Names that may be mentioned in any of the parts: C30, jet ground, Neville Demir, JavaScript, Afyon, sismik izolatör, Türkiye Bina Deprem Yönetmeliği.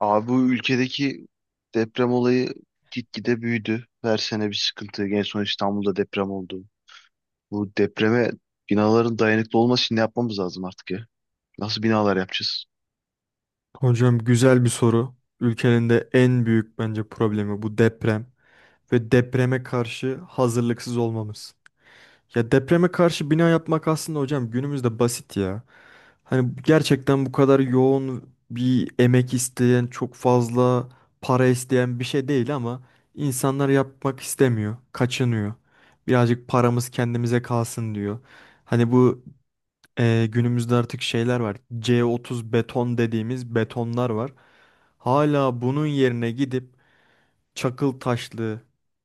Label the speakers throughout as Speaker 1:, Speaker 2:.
Speaker 1: Abi bu ülkedeki deprem olayı gitgide büyüdü. Her sene bir sıkıntı. En son İstanbul'da deprem oldu. Bu depreme binaların dayanıklı olması için ne yapmamız lazım artık ya? Nasıl binalar yapacağız?
Speaker 2: Hocam, güzel bir soru. Ülkenin de en büyük bence problemi bu deprem ve depreme karşı hazırlıksız olmamız. Ya depreme karşı bina yapmak aslında hocam günümüzde basit ya. Hani gerçekten bu kadar yoğun bir emek isteyen, çok fazla para isteyen bir şey değil ama insanlar yapmak istemiyor, kaçınıyor. Birazcık paramız kendimize kalsın diyor. Hani bu günümüzde artık şeyler var. C30 beton dediğimiz betonlar var. Hala bunun yerine gidip çakıl taşlı,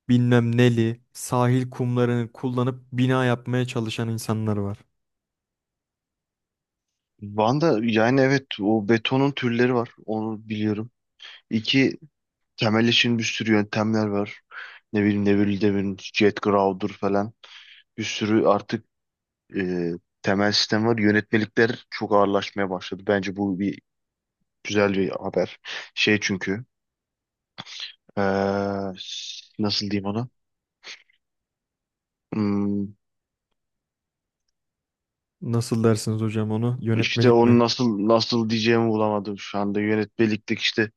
Speaker 2: bilmem neli, sahil kumlarını kullanıp bina yapmaya çalışan insanlar var.
Speaker 1: Van'da yani evet, o betonun türleri var. Onu biliyorum. İki temel için bir sürü yöntemler var. Ne bileyim Neville Demir'in jet ground'dur falan. Bir sürü artık e, temel sistem var. Yönetmelikler çok ağırlaşmaya başladı. Bence bu bir güzel bir haber. Şey, çünkü Ee, nasıl diyeyim ona? Hmm,
Speaker 2: Nasıl dersiniz hocam onu?
Speaker 1: işte
Speaker 2: Yönetmelik mi?
Speaker 1: onu nasıl diyeceğimi bulamadım şu anda. Yönetmeliklik işte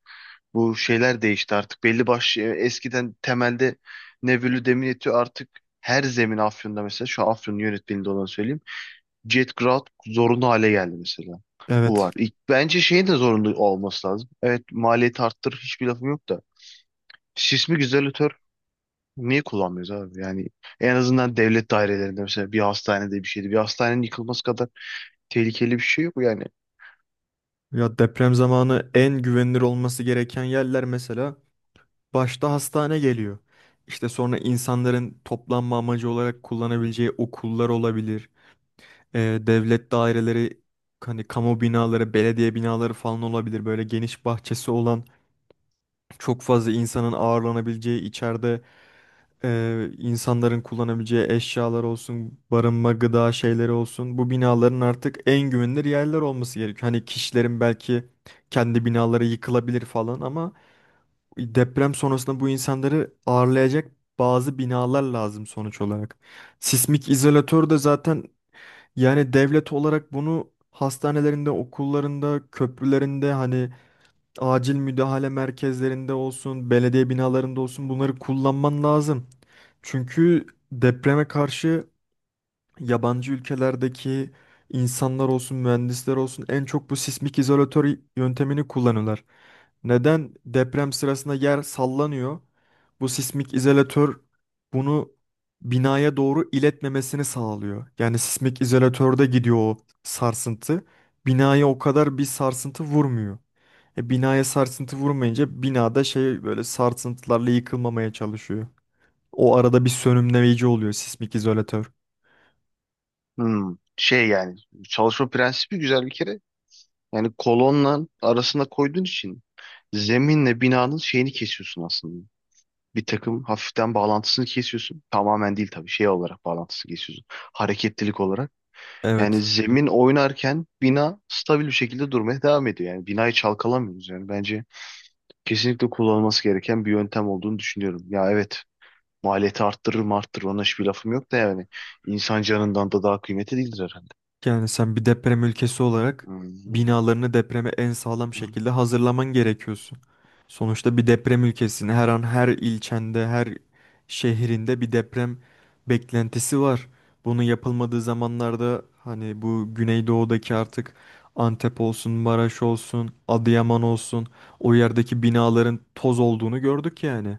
Speaker 1: bu şeyler değişti artık. Belli başlı eskiden temelde Nebulü Demireti artık her zemin Afyon'da mesela şu an Afyon'un yönetmeliğinde olanı söyleyeyim. Jet Ground zorunlu hale geldi mesela. Bu
Speaker 2: Evet.
Speaker 1: var. İlk, bence şeyin de zorunlu olması lazım. Evet, maliyeti arttır hiçbir lafım yok da. Sismik izolatör niye kullanmıyoruz abi? Yani en azından devlet dairelerinde mesela bir hastanede bir şeydi. Bir hastanenin yıkılması kadar tehlikeli bir şey yok yani.
Speaker 2: Ya deprem zamanı en güvenilir olması gereken yerler mesela başta hastane geliyor. İşte sonra insanların toplanma amacı olarak kullanabileceği okullar olabilir. Devlet daireleri, hani kamu binaları, belediye binaları falan olabilir. Böyle geniş bahçesi olan, çok fazla insanın ağırlanabileceği, içeride insanların kullanabileceği eşyalar olsun, barınma, gıda şeyleri olsun. Bu binaların artık en güvenilir yerler olması gerekiyor. Hani kişilerin belki kendi binaları yıkılabilir falan ama deprem sonrasında bu insanları ağırlayacak bazı binalar lazım sonuç olarak. Sismik izolatör de zaten, yani devlet olarak bunu hastanelerinde, okullarında, köprülerinde, hani acil müdahale merkezlerinde olsun, belediye binalarında olsun, bunları kullanman lazım. Çünkü depreme karşı yabancı ülkelerdeki insanlar olsun, mühendisler olsun, en çok bu sismik izolatör yöntemini kullanırlar. Neden? Deprem sırasında yer sallanıyor. Bu sismik izolatör bunu binaya doğru iletmemesini sağlıyor. Yani sismik izolatörde gidiyor o sarsıntı. Binaya o kadar bir sarsıntı vurmuyor. Binaya sarsıntı vurmayınca binada şey, böyle sarsıntılarla yıkılmamaya çalışıyor. O arada bir sönümleyici oluyor sismik izolatör.
Speaker 1: Hmm, şey yani çalışma prensibi güzel bir kere. Yani kolonla arasına koyduğun için zeminle binanın şeyini kesiyorsun aslında. Bir takım hafiften bağlantısını kesiyorsun. Tamamen değil tabii, şey olarak bağlantısını kesiyorsun. Hareketlilik olarak. Yani
Speaker 2: Evet.
Speaker 1: zemin oynarken bina stabil bir şekilde durmaya devam ediyor. Yani binayı çalkalamıyoruz yani. Bence kesinlikle kullanılması gereken bir yöntem olduğunu düşünüyorum. Ya evet, maliyeti arttırır mı arttırır, ona hiçbir lafım yok da yani insan canından da daha kıymetli değildir herhalde.
Speaker 2: Yani sen bir deprem ülkesi olarak
Speaker 1: Hmm.
Speaker 2: binalarını depreme en sağlam şekilde hazırlaman gerekiyorsun. Sonuçta bir deprem ülkesinde her an her ilçende, her şehrinde bir deprem beklentisi var. Bunu yapılmadığı zamanlarda hani bu Güneydoğu'daki artık Antep olsun, Maraş olsun, Adıyaman olsun, o yerdeki binaların toz olduğunu gördük yani.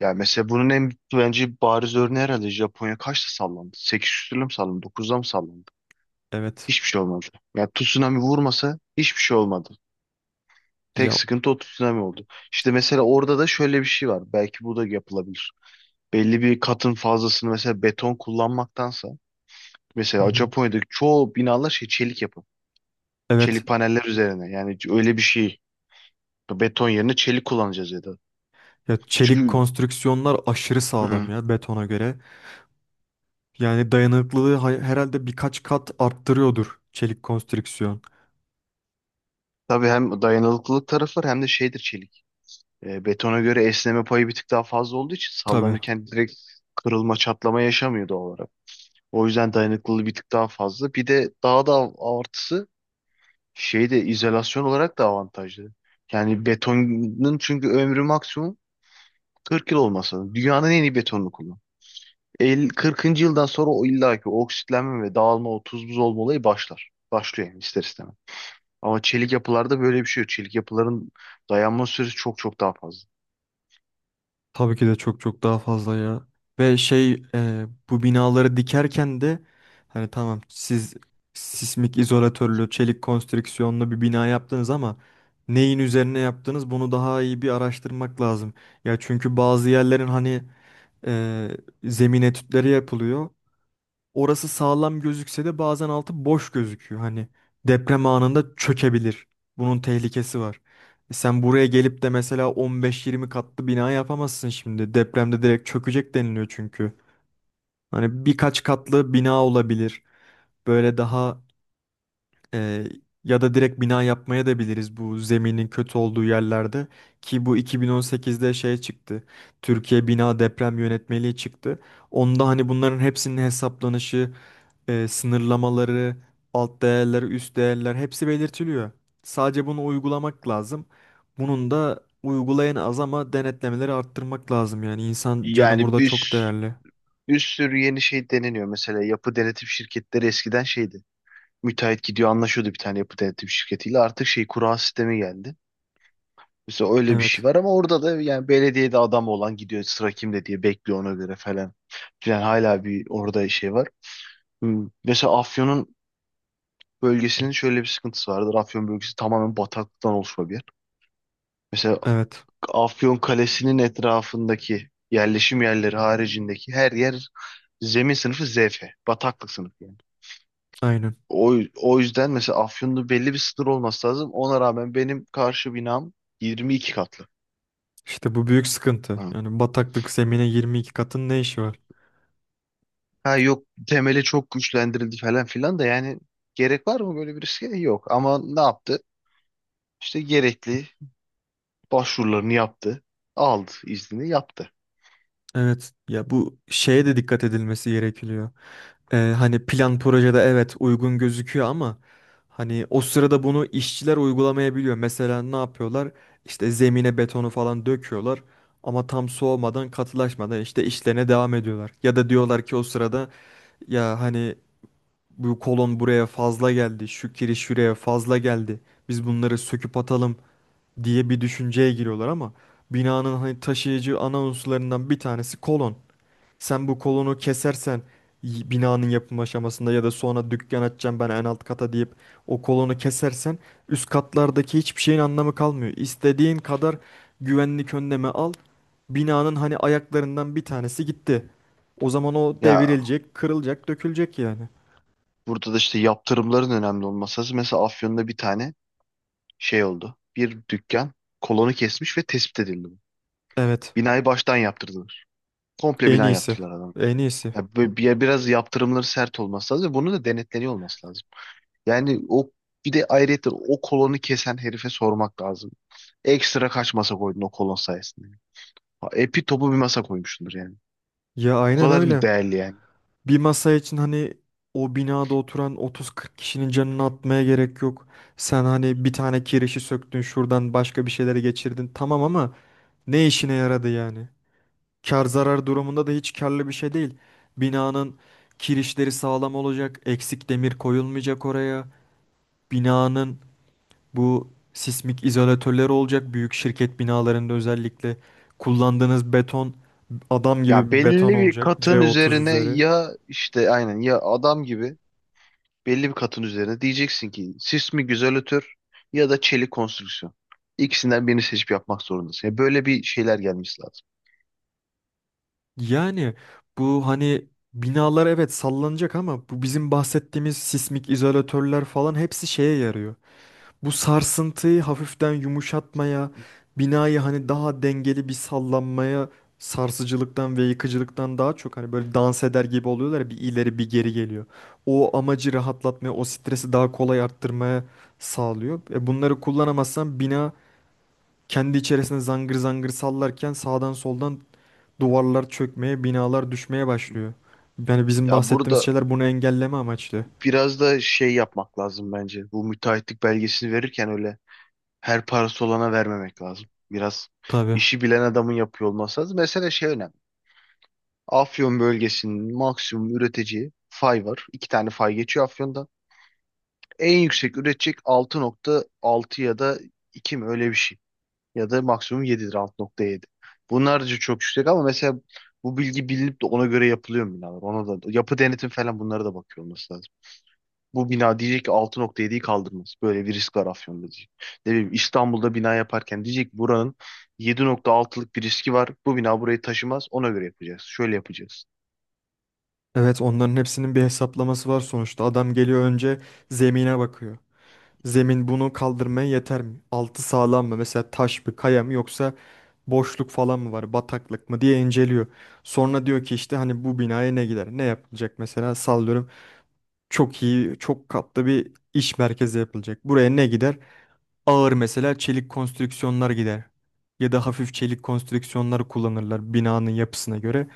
Speaker 1: Ya mesela bunun en bence bariz örneği herhalde Japonya kaçta sallandı? 8 küsürle mi sallandı? 9'da mı sallandı?
Speaker 2: Evet.
Speaker 1: Hiçbir şey olmadı. Ya tsunami vurmasa hiçbir şey olmadı. Tek
Speaker 2: Ya,
Speaker 1: sıkıntı o tsunami oldu. İşte mesela orada da şöyle bir şey var. Belki bu da yapılabilir. Belli bir katın fazlasını mesela beton kullanmaktansa
Speaker 2: hı
Speaker 1: mesela
Speaker 2: hı.
Speaker 1: Japonya'daki çoğu binalar şey çelik yapı.
Speaker 2: Evet.
Speaker 1: Çelik paneller üzerine. Yani öyle bir şey. Beton yerine çelik kullanacağız ya da.
Speaker 2: Ya çelik
Speaker 1: Çünkü
Speaker 2: konstrüksiyonlar aşırı sağlam
Speaker 1: hı,
Speaker 2: ya betona göre. Yani dayanıklılığı herhalde birkaç kat arttırıyordur çelik konstrüksiyon.
Speaker 1: tabii hem dayanıklılık tarafı var hem de şeydir çelik. Betona göre esneme payı bir tık daha fazla olduğu için
Speaker 2: Tabii.
Speaker 1: sallanırken direkt kırılma, çatlama yaşamıyor doğal olarak. O yüzden dayanıklılığı bir tık daha fazla. Bir de daha da artısı şeyde izolasyon olarak da avantajlı. Yani betonun çünkü ömrü maksimum 40 yıl olmasa da dünyanın en iyi betonunu kullan. 50, 40'ıncı yıldan sonra o illaki oksitlenme ve dağılma, o tuz buz olma olayı başlar. Başlıyor yani ister istemez. Ama çelik yapılarda böyle bir şey yok. Çelik yapıların dayanma süresi çok çok daha fazla.
Speaker 2: Tabii ki de çok çok daha fazla ya. Ve şey, bu binaları dikerken de hani tamam, siz sismik izolatörlü çelik konstrüksiyonlu bir bina yaptınız ama neyin üzerine yaptınız bunu daha iyi bir araştırmak lazım. Ya çünkü bazı yerlerin hani e, zemin etütleri yapılıyor. Orası sağlam gözükse de bazen altı boş gözüküyor. Hani deprem anında çökebilir. Bunun tehlikesi var. Sen buraya gelip de mesela 15-20 katlı bina yapamazsın şimdi. Depremde direkt çökecek deniliyor çünkü. Hani birkaç katlı bina olabilir. Böyle daha e, ya da direkt bina yapmaya da biliriz bu zeminin kötü olduğu yerlerde. Ki bu 2018'de şey çıktı, Türkiye Bina Deprem Yönetmeliği çıktı. Onda hani bunların hepsinin hesaplanışı, sınırlamaları, alt değerler, üst değerler hepsi belirtiliyor. Sadece bunu uygulamak lazım. Bunun da uygulayan az ama denetlemeleri arttırmak lazım, yani insan canı
Speaker 1: Yani
Speaker 2: burada çok
Speaker 1: bir
Speaker 2: değerli.
Speaker 1: bir sürü yeni şey deneniyor. Mesela yapı denetim şirketleri eskiden şeydi. Müteahhit gidiyor anlaşıyordu bir tane yapı denetim şirketiyle. Artık şey kura sistemi geldi. Mesela öyle bir şey
Speaker 2: Evet,
Speaker 1: var ama orada da yani belediyede adam olan gidiyor sıra kimde diye bekliyor ona göre falan. Yani hala bir orada şey var. Hmm. Mesela Afyon'un bölgesinin şöyle bir sıkıntısı vardır. Afyon bölgesi tamamen bataklıktan oluşma bir yer. Mesela
Speaker 2: evet,
Speaker 1: Afyon Kalesi'nin etrafındaki yerleşim yerleri haricindeki her yer zemin sınıfı ZF. Bataklık sınıfı yani.
Speaker 2: aynen.
Speaker 1: O yüzden mesela Afyon'da belli bir sınır olması lazım. Ona rağmen benim karşı binam 22 katlı.
Speaker 2: İşte bu büyük sıkıntı.
Speaker 1: Ha,
Speaker 2: Yani bataklık zemine 22 katın ne işi var?
Speaker 1: Ha, yok temeli çok güçlendirildi falan filan da yani gerek var mı böyle bir riske? Yok. Ama ne yaptı? İşte gerekli başvurularını yaptı. Aldı iznini yaptı.
Speaker 2: Evet, ya bu şeye de dikkat edilmesi gerekiyor. Hani plan projede evet uygun gözüküyor ama hani o sırada bunu işçiler uygulamayabiliyor. Mesela ne yapıyorlar? İşte zemine betonu falan döküyorlar ama tam soğumadan, katılaşmadan işte işlerine devam ediyorlar. Ya da diyorlar ki o sırada, ya hani bu kolon buraya fazla geldi, şu kiriş şuraya fazla geldi, biz bunları söküp atalım diye bir düşünceye giriyorlar ama binanın hani taşıyıcı ana unsurlarından bir tanesi kolon. Sen bu kolonu kesersen, binanın yapım aşamasında ya da sonra dükkan açacağım ben en alt kata deyip o kolonu kesersen, üst katlardaki hiçbir şeyin anlamı kalmıyor. İstediğin kadar güvenlik önlemi al, binanın hani ayaklarından bir tanesi gitti. O zaman o
Speaker 1: Ya
Speaker 2: devrilecek, kırılacak, dökülecek yani.
Speaker 1: burada da işte yaptırımların önemli olması lazım. Mesela Afyon'da bir tane şey oldu. Bir dükkan kolonu kesmiş ve tespit edildi bu.
Speaker 2: Evet,
Speaker 1: Binayı baştan yaptırdılar. Komple
Speaker 2: en
Speaker 1: bina
Speaker 2: iyisi.
Speaker 1: yaptırdılar.
Speaker 2: En iyisi.
Speaker 1: Ya böyle biraz yaptırımları sert olması lazım ve bunun da denetleniyor olması lazım. Yani o, bir de ayrıca o kolonu kesen herife sormak lazım. Ekstra kaç masa koydun o kolon sayesinde? Ha, epi topu bir masa koymuşsundur yani.
Speaker 2: Ya
Speaker 1: O
Speaker 2: aynen
Speaker 1: kadar mı
Speaker 2: öyle.
Speaker 1: değerli yani?
Speaker 2: Bir masa için hani o binada oturan 30-40 kişinin canını atmaya gerek yok. Sen hani bir tane kirişi söktün, şuradan başka bir şeyleri geçirdin, tamam, ama ne işine yaradı yani? Kar zarar durumunda da hiç karlı bir şey değil. Binanın kirişleri sağlam olacak, eksik demir koyulmayacak oraya. Binanın bu sismik izolatörleri olacak, büyük şirket binalarında özellikle. Kullandığınız beton adam gibi
Speaker 1: Ya
Speaker 2: bir beton
Speaker 1: belli bir
Speaker 2: olacak,
Speaker 1: katın
Speaker 2: C30
Speaker 1: üzerine,
Speaker 2: üzeri.
Speaker 1: ya işte aynen ya adam gibi belli bir katın üzerine diyeceksin ki sis mi güzelötür ya da çelik konstrüksiyon. İkisinden birini seçip yapmak zorundasın. Ya böyle bir şeyler gelmesi lazım.
Speaker 2: Yani bu hani binalar evet sallanacak ama bu bizim bahsettiğimiz sismik izolatörler falan hepsi şeye yarıyor: bu sarsıntıyı hafiften yumuşatmaya, binayı hani daha dengeli bir sallanmaya, sarsıcılıktan ve yıkıcılıktan daha çok, hani böyle dans eder gibi oluyorlar ya, bir ileri bir geri geliyor. O amacı rahatlatmaya, o stresi daha kolay arttırmaya sağlıyor. Bunları kullanamazsan bina kendi içerisinde zangır zangır sallarken sağdan soldan duvarlar çökmeye, binalar düşmeye başlıyor. Yani bizim
Speaker 1: Ya
Speaker 2: bahsettiğimiz
Speaker 1: burada
Speaker 2: şeyler bunu engelleme amaçlı.
Speaker 1: biraz da şey yapmak lazım bence. Bu müteahhitlik belgesini verirken öyle her parası olana vermemek lazım. Biraz
Speaker 2: Tabii.
Speaker 1: işi bilen adamın yapıyor olması lazım. Mesela şey önemli. Afyon bölgesinin maksimum üreteceği fay var. İki tane fay geçiyor Afyon'dan. En yüksek üretecek 6.6 ya da 2 mi öyle bir şey. Ya da maksimum 7'dir, 6.7. Bunlar da çok yüksek ama mesela bu bilgi bilinip de ona göre yapılıyor mu binalar? Ona da yapı denetim falan bunlara da bakıyor olması lazım. Bu bina diyecek ki 6.7'yi kaldırmaz. Böyle bir risk var Afyon'da diyecek. Ne bileyim İstanbul'da bina yaparken diyecek ki buranın 7.6'lık bir riski var. Bu bina burayı taşımaz. Ona göre yapacağız. Şöyle yapacağız.
Speaker 2: Evet, onların hepsinin bir hesaplaması var sonuçta. Adam geliyor, önce zemine bakıyor. Zemin bunu kaldırmaya yeter mi? Altı sağlam mı? Mesela taş mı, kaya mı, yoksa boşluk falan mı var, bataklık mı diye inceliyor. Sonra diyor ki işte hani bu binaya ne gider, ne yapılacak, mesela sallıyorum, çok iyi, çok katlı bir iş merkezi yapılacak, buraya ne gider? Ağır mesela çelik konstrüksiyonlar gider. Ya da hafif çelik konstrüksiyonlar kullanırlar binanın yapısına göre.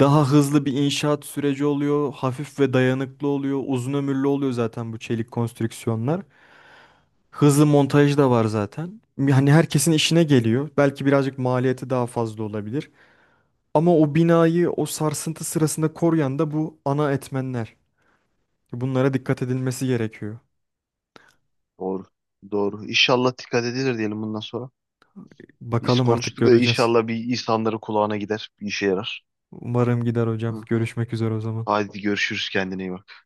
Speaker 2: Daha hızlı bir inşaat süreci oluyor. Hafif ve dayanıklı oluyor. Uzun ömürlü oluyor zaten bu çelik konstrüksiyonlar. Hızlı montaj da var zaten. Yani herkesin işine geliyor. Belki birazcık maliyeti daha fazla olabilir ama o binayı o sarsıntı sırasında koruyan da bu ana etmenler. Bunlara dikkat edilmesi gerekiyor.
Speaker 1: Doğru. Doğru. İnşallah dikkat edilir diyelim bundan sonra. Biz
Speaker 2: Bakalım, artık
Speaker 1: konuştuk da
Speaker 2: göreceğiz.
Speaker 1: inşallah bir insanların kulağına gider. Bir işe yarar.
Speaker 2: Umarım gider
Speaker 1: Hı
Speaker 2: hocam.
Speaker 1: hı.
Speaker 2: Görüşmek üzere o zaman.
Speaker 1: Haydi görüşürüz, kendine iyi bak.